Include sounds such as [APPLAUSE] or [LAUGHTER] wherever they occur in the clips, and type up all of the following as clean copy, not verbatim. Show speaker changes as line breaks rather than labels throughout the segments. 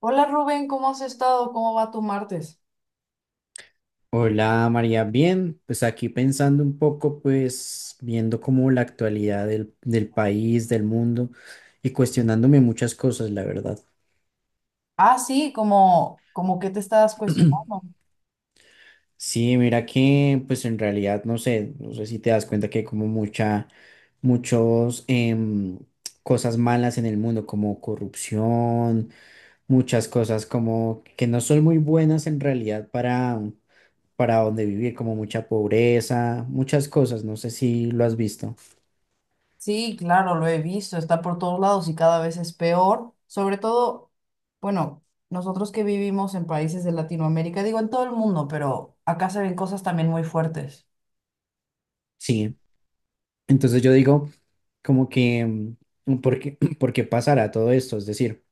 Hola Rubén, ¿cómo has estado? ¿Cómo va tu martes?
Hola María, bien, pues aquí pensando un poco, pues viendo como la actualidad del país, del mundo y cuestionándome muchas cosas, la verdad.
Ah, sí, como que te estás
[CLEARS THROAT]
cuestionando.
Sí, mira que pues en realidad no sé si te das cuenta que hay como mucha, muchos em, cosas malas en el mundo, como corrupción, muchas cosas como que no son muy buenas en realidad para donde vivir, como mucha pobreza, muchas cosas, no sé si lo has visto.
Sí, claro, lo he visto, está por todos lados y cada vez es peor. Sobre todo, bueno, nosotros que vivimos en países de Latinoamérica, digo en todo el mundo, pero acá se ven cosas también muy fuertes.
Sí, entonces yo digo como que, ¿por qué, [CLEARS THROAT] por qué pasará todo esto? Es decir,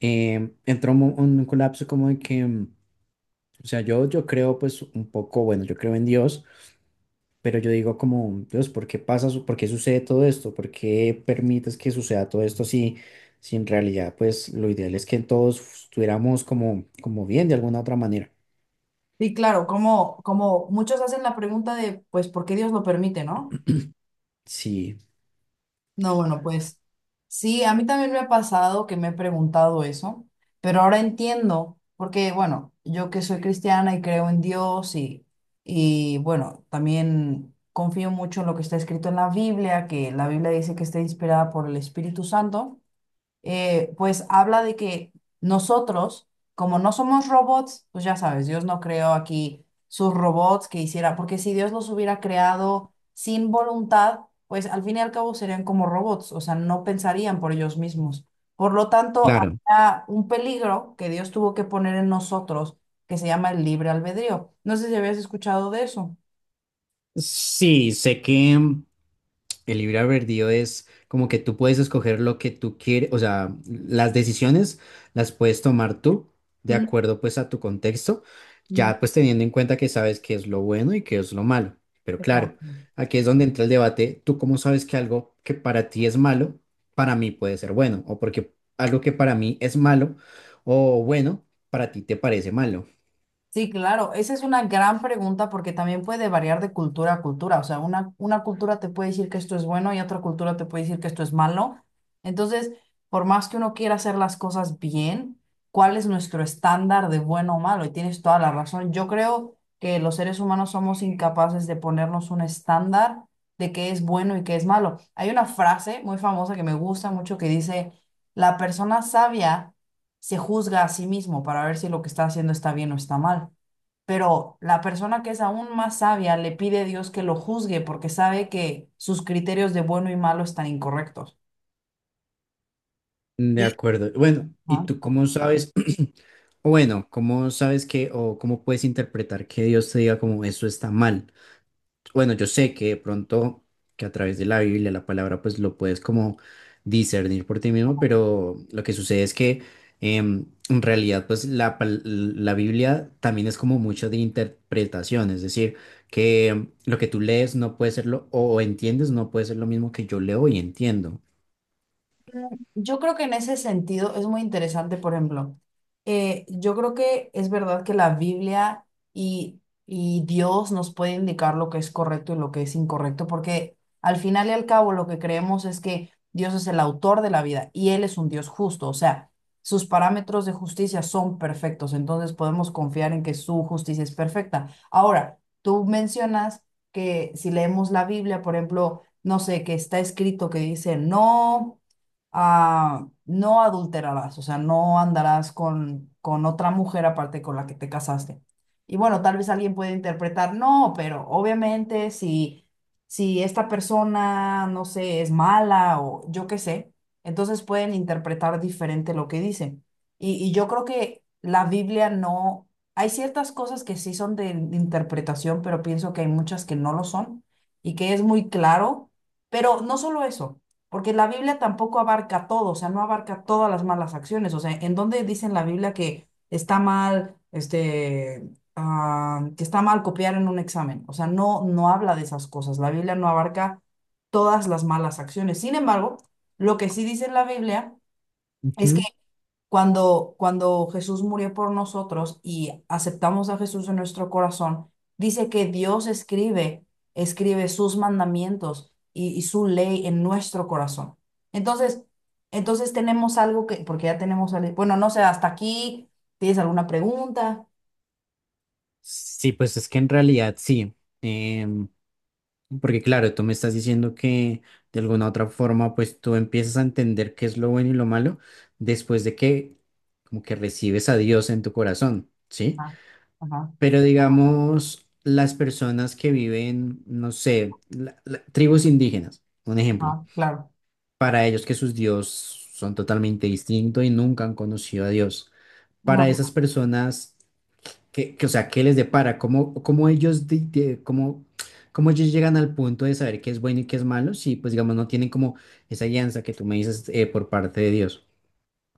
entró un colapso como de o sea, yo creo pues un poco, bueno, yo creo en Dios, pero yo digo como, Dios, ¿ por qué sucede todo esto? ¿Por qué permites que suceda todo esto si, si en realidad pues lo ideal es que todos estuviéramos como, como bien de alguna otra manera?
Sí, claro, como muchos hacen la pregunta de, pues, ¿por qué Dios lo permite, no?
Sí.
No, bueno, pues sí, a mí también me ha pasado que me he preguntado eso, pero ahora entiendo, porque bueno, yo que soy cristiana y creo en Dios y bueno, también confío mucho en lo que está escrito en la Biblia, que la Biblia dice que está inspirada por el Espíritu Santo pues habla de que nosotros, como no somos robots, pues ya sabes, Dios no creó aquí sus robots que hiciera, porque si Dios los hubiera creado sin voluntad, pues al fin y al cabo serían como robots, o sea, no pensarían por ellos mismos. Por lo tanto,
Claro,
había un peligro que Dios tuvo que poner en nosotros, que se llama el libre albedrío. No sé si habías escuchado de eso.
sí, sé que el libre albedrío es como que tú puedes escoger lo que tú quieres, o sea, las decisiones las puedes tomar tú de
Mm,
acuerdo pues a tu contexto,
mm,
ya pues teniendo en cuenta que sabes qué es lo bueno y qué es lo malo. Pero
es verdad.
claro, aquí es donde entra el debate, tú cómo sabes que algo que para ti es malo, para mí puede ser bueno, o porque algo que para mí es malo o bueno, para ti te parece malo.
Sí, claro, esa es una gran pregunta porque también puede variar de cultura a cultura. O sea, una cultura te puede decir que esto es bueno y otra cultura te puede decir que esto es malo. Entonces, por más que uno quiera hacer las cosas bien, ¿cuál es nuestro estándar de bueno o malo? Y tienes toda la razón. Yo creo que los seres humanos somos incapaces de ponernos un estándar de qué es bueno y qué es malo. Hay una frase muy famosa que me gusta mucho que dice, la persona sabia se juzga a sí mismo para ver si lo que está haciendo está bien o está mal. Pero la persona que es aún más sabia le pide a Dios que lo juzgue porque sabe que sus criterios de bueno y malo están incorrectos.
De
Y,
acuerdo. Bueno, ¿y tú cómo sabes, [CLEARS THROAT] o bueno, cómo sabes que, o cómo puedes interpretar que Dios te diga como eso está mal? Bueno, yo sé que de pronto, que a través de la Biblia, la palabra, pues lo puedes como discernir por ti mismo, pero lo que sucede es que en realidad, pues la Biblia también es como mucho de interpretación, es decir, que lo que tú lees no puede ser lo, o entiendes no puede ser lo mismo que yo leo y entiendo.
Yo creo que en ese sentido es muy interesante, por ejemplo, yo creo que es verdad que la Biblia y, y Dios nos puede indicar lo que es correcto y lo que es incorrecto, porque al final y al cabo lo que creemos es que Dios es el autor de la vida y Él es un Dios justo, o sea, sus parámetros de justicia son perfectos, entonces podemos confiar en que su justicia es perfecta. Ahora, tú mencionas que si leemos la Biblia, por ejemplo, no sé, que está escrito que dice no no adulterarás, o sea, no andarás con otra mujer aparte con la que te casaste. Y bueno, tal vez alguien puede interpretar, no, pero obviamente si, si esta persona, no sé, es mala o yo qué sé, entonces pueden interpretar diferente lo que dice. Y yo creo que la Biblia no, hay ciertas cosas que sí son de interpretación, pero pienso que hay muchas que no lo son y que es muy claro. Pero no solo eso. Porque la Biblia tampoco abarca todo, o sea, no abarca todas las malas acciones. O sea, ¿en dónde dice en la Biblia que está mal, este, ah, que está mal copiar en un examen? O sea, no, no habla de esas cosas. La Biblia no abarca todas las malas acciones. Sin embargo, lo que sí dice en la Biblia es que
Ujú.
cuando Jesús murió por nosotros y aceptamos a Jesús en nuestro corazón, dice que Dios escribe, escribe sus mandamientos y su ley en nuestro corazón. Entonces, entonces tenemos algo que, porque ya tenemos, algo- bueno, no sé, hasta aquí, ¿tienes alguna pregunta?
Sí, pues es que en realidad sí. Em, Porque claro, tú me estás diciendo que de alguna otra forma, pues tú empiezas a entender qué es lo bueno y lo malo después de que como que recibes a Dios en tu corazón, ¿sí?
Ah, ajá,
Pero digamos, las personas que viven, no sé, tribus indígenas, un ejemplo,
ajá, claro.
para ellos que sus dios son totalmente distintos y nunca han conocido a Dios. Para esas personas o sea, ¿qué les depara? ¿Cómo, cómo ellos, cómo, cómo ellos llegan al punto de saber qué es bueno y qué es malo? Si, pues, digamos, no tienen como esa guianza que tú me dices por parte de Dios.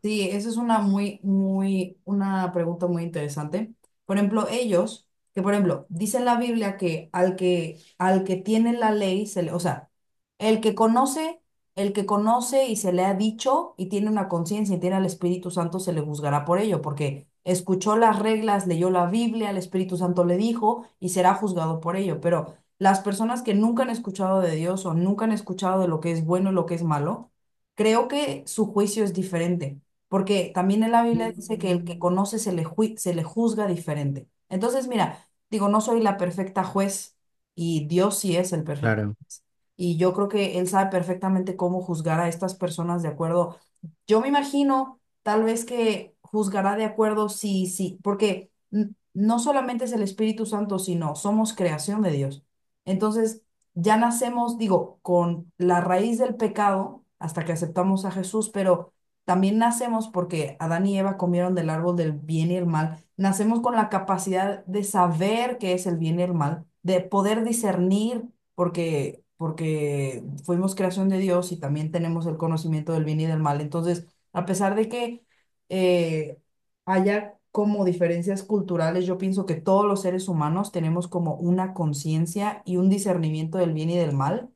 Sí, esa es una muy, muy, una pregunta muy interesante. Por ejemplo, ellos, que por ejemplo, dice la Biblia que al que, al que tiene la ley, se le, o sea, el que conoce, el que conoce y se le ha dicho y tiene una conciencia y tiene al Espíritu Santo, se le juzgará por ello, porque escuchó las reglas, leyó la Biblia, el Espíritu Santo le dijo y será juzgado por ello. Pero las personas que nunca han escuchado de Dios o nunca han escuchado de lo que es bueno y lo que es malo, creo que su juicio es diferente. Porque también en la Biblia dice que el que
Mm,
conoce se le, ju- se le juzga diferente. Entonces, mira, digo, no soy la perfecta juez y Dios sí es el perfecto
claro,
juez. Y yo creo que Él sabe perfectamente cómo juzgar a estas personas de acuerdo. Yo me imagino tal vez que juzgará de acuerdo sí, sí, porque n- no solamente es el Espíritu Santo, sino somos creación de Dios. Entonces, ya nacemos, digo, con la raíz del pecado hasta que aceptamos a Jesús, pero también nacemos porque Adán y Eva comieron del árbol del bien y el mal. Nacemos con la capacidad de saber qué es el bien y el mal, de poder discernir porque fuimos creación de Dios y también tenemos el conocimiento del bien y del mal. Entonces, a pesar de que eh, haya como diferencias culturales, yo pienso que todos los seres humanos tenemos como una conciencia y un discernimiento del bien y del mal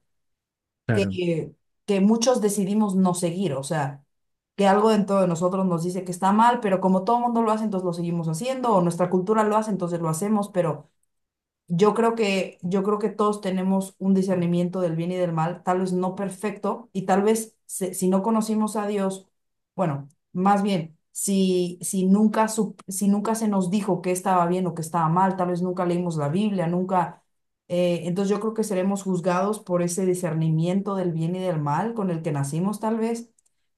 claro,
que, que muchos decidimos no seguir, o sea, que algo dentro de nosotros nos dice que está mal, pero como todo el mundo lo hace, entonces lo seguimos haciendo, o nuestra cultura lo hace, entonces lo hacemos, pero yo creo que todos tenemos un discernimiento del bien y del mal, tal vez no perfecto, y tal vez se- si no conocimos a Dios, bueno, más bien, si, si nunca, sup- si nunca se nos dijo que estaba bien o que estaba mal, tal vez nunca leímos la Biblia, nunca... entonces yo creo que seremos juzgados por ese discernimiento del bien y del mal con el que nacimos, tal vez.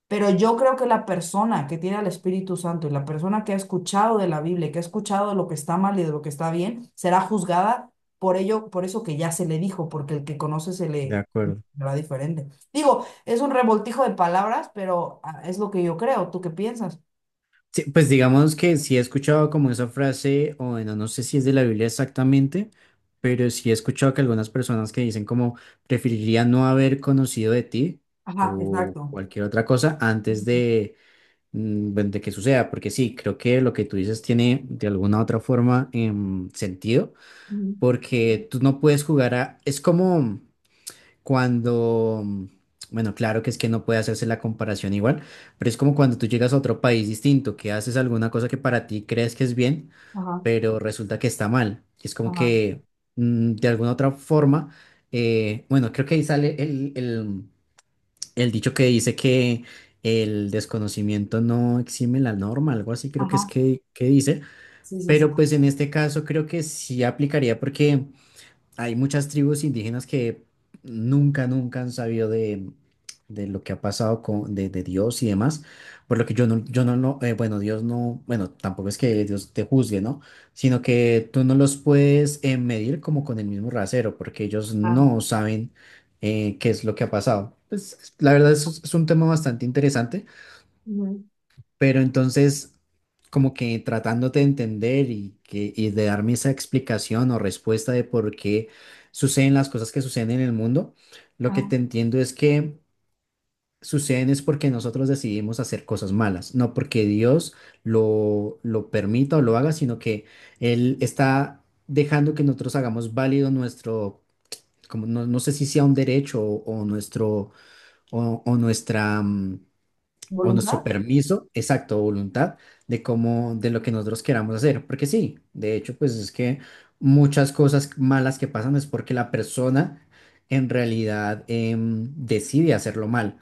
Pero yo creo que la persona que tiene al Espíritu Santo y la persona que ha escuchado de la Biblia, y que ha escuchado de lo que está mal y de lo que está bien, será juzgada por ello, por eso que ya se le dijo, porque el que conoce se
de
le
acuerdo.
será diferente. Digo, es un revoltijo de palabras, pero ah, es lo que yo creo. ¿Tú qué piensas?
Sí, pues digamos que sí he escuchado como esa frase, o bueno, no sé si es de la Biblia exactamente, pero sí he escuchado que algunas personas que dicen como preferiría no haber conocido de ti
Ajá,
o
exacto.
cualquier otra cosa antes
Ujú,
de, bueno, de que suceda, porque sí, creo que lo que tú dices tiene de alguna otra forma sentido,
ujú,
porque tú no puedes jugar a... Es como cuando... bueno, claro que es que no puede hacerse la comparación igual, pero es como cuando tú llegas a otro país distinto, que haces alguna cosa que para ti crees que es bien,
ajá,
pero resulta que está mal. Es como
ajá,
que de alguna otra forma, bueno, creo que ahí sale el dicho que dice que el desconocimiento no exime la norma, algo así creo que es
ajá.
que dice,
Sí, sí, sí.
pero pues en este caso creo que sí aplicaría porque hay muchas tribus indígenas que nunca, nunca han sabido de, lo que ha pasado con, de Dios y demás, por lo que yo no, no bueno, Dios no, bueno, tampoco es que Dios te juzgue, ¿no? Sino que tú no los puedes medir como con el mismo rasero, porque ellos
Claro.
no saben qué es lo que ha pasado. Pues la verdad es un tema bastante interesante.
Ujú,
Pero entonces, como que tratándote de entender y, que, y de darme esa explicación o respuesta de por qué suceden las cosas que suceden en el mundo, lo que
ajá.
te entiendo es que suceden es porque nosotros decidimos hacer cosas malas, no porque Dios lo permita o lo haga, sino que Él está dejando que nosotros hagamos válido nuestro, como no sé si sea un derecho o nuestro, o nuestra... o
¿Voluntad?
nuestro permiso, exacto, voluntad de cómo, de lo que nosotros queramos hacer. Porque sí, de hecho, pues es que muchas cosas malas que pasan es porque la persona en realidad decide hacerlo mal.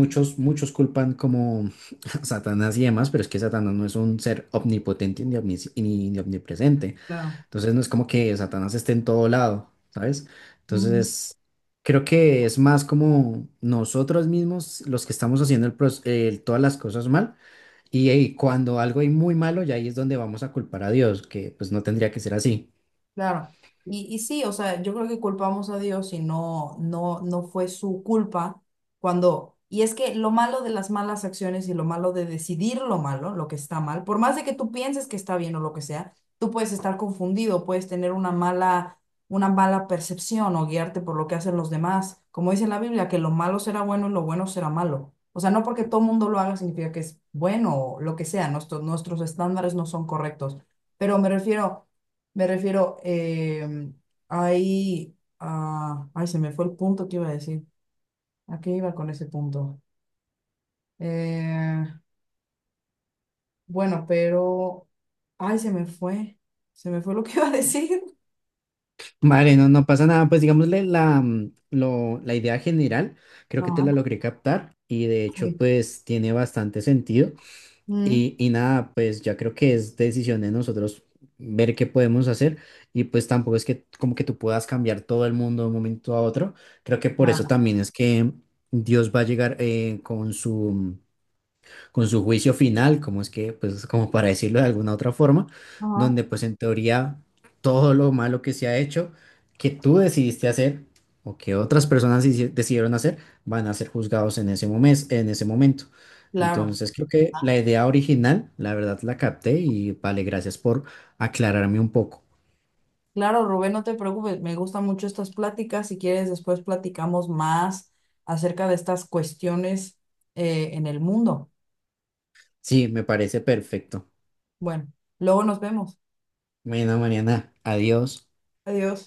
Sí,
muchos culpan como [LAUGHS] a Satanás y demás, pero es que Satanás no es un ser omnipotente ni ni omnipresente.
claro.
Entonces no es como que Satanás esté en todo lado, ¿sabes? Entonces creo que es más como nosotros mismos los que estamos haciendo todas las cosas mal y, cuando algo hay muy malo ya ahí es donde vamos a culpar a Dios, que pues no tendría que ser así.
Claro. Y sí, o sea, yo creo que culpamos a Dios y no, no, no fue su culpa cuando... Y es que lo malo de las malas acciones y lo malo de decidir lo malo, lo que está mal, por más de que tú pienses que está bien o lo que sea, tú puedes estar confundido, puedes tener una mala percepción o guiarte por lo que hacen los demás. Como dice la Biblia, que lo malo será bueno y lo bueno será malo. O sea, no porque todo mundo lo haga significa que es bueno o lo que sea, nuestros estándares no son correctos. Pero me refiero... Me refiero, ahí, ah, ay, se me fue el punto que iba a decir. ¿A qué iba con ese punto? Eh, bueno, pero, ay, se me fue lo que iba a decir.
Vale, no, no pasa nada, pues digámosle la idea general,
[LAUGHS]
creo que te la
Ajá,
logré captar y de hecho
sí.
pues tiene bastante sentido.
Mm,
Y nada, pues ya creo que es decisión de nosotros ver qué podemos hacer y pues tampoco es que como que tú puedas cambiar todo el mundo de un momento a otro. Creo que por eso
ah,
también es que Dios va a llegar con su juicio final, como es que, pues como para decirlo de alguna otra forma,
ajá,
donde pues en teoría todo lo malo que se ha hecho, que tú decidiste hacer o que otras personas decidieron hacer, van a ser juzgados en ese momento, en ese momento.
claro,
Entonces creo que la idea original, la verdad la capté y vale, gracias por aclararme un poco.
claro, Rubén, no te preocupes, me gustan mucho estas pláticas. Si quieres, después platicamos más acerca de estas cuestiones en el mundo.
Sí, me parece perfecto.
Bueno, luego nos vemos.
Bueno, Mariana, adiós.
Adiós.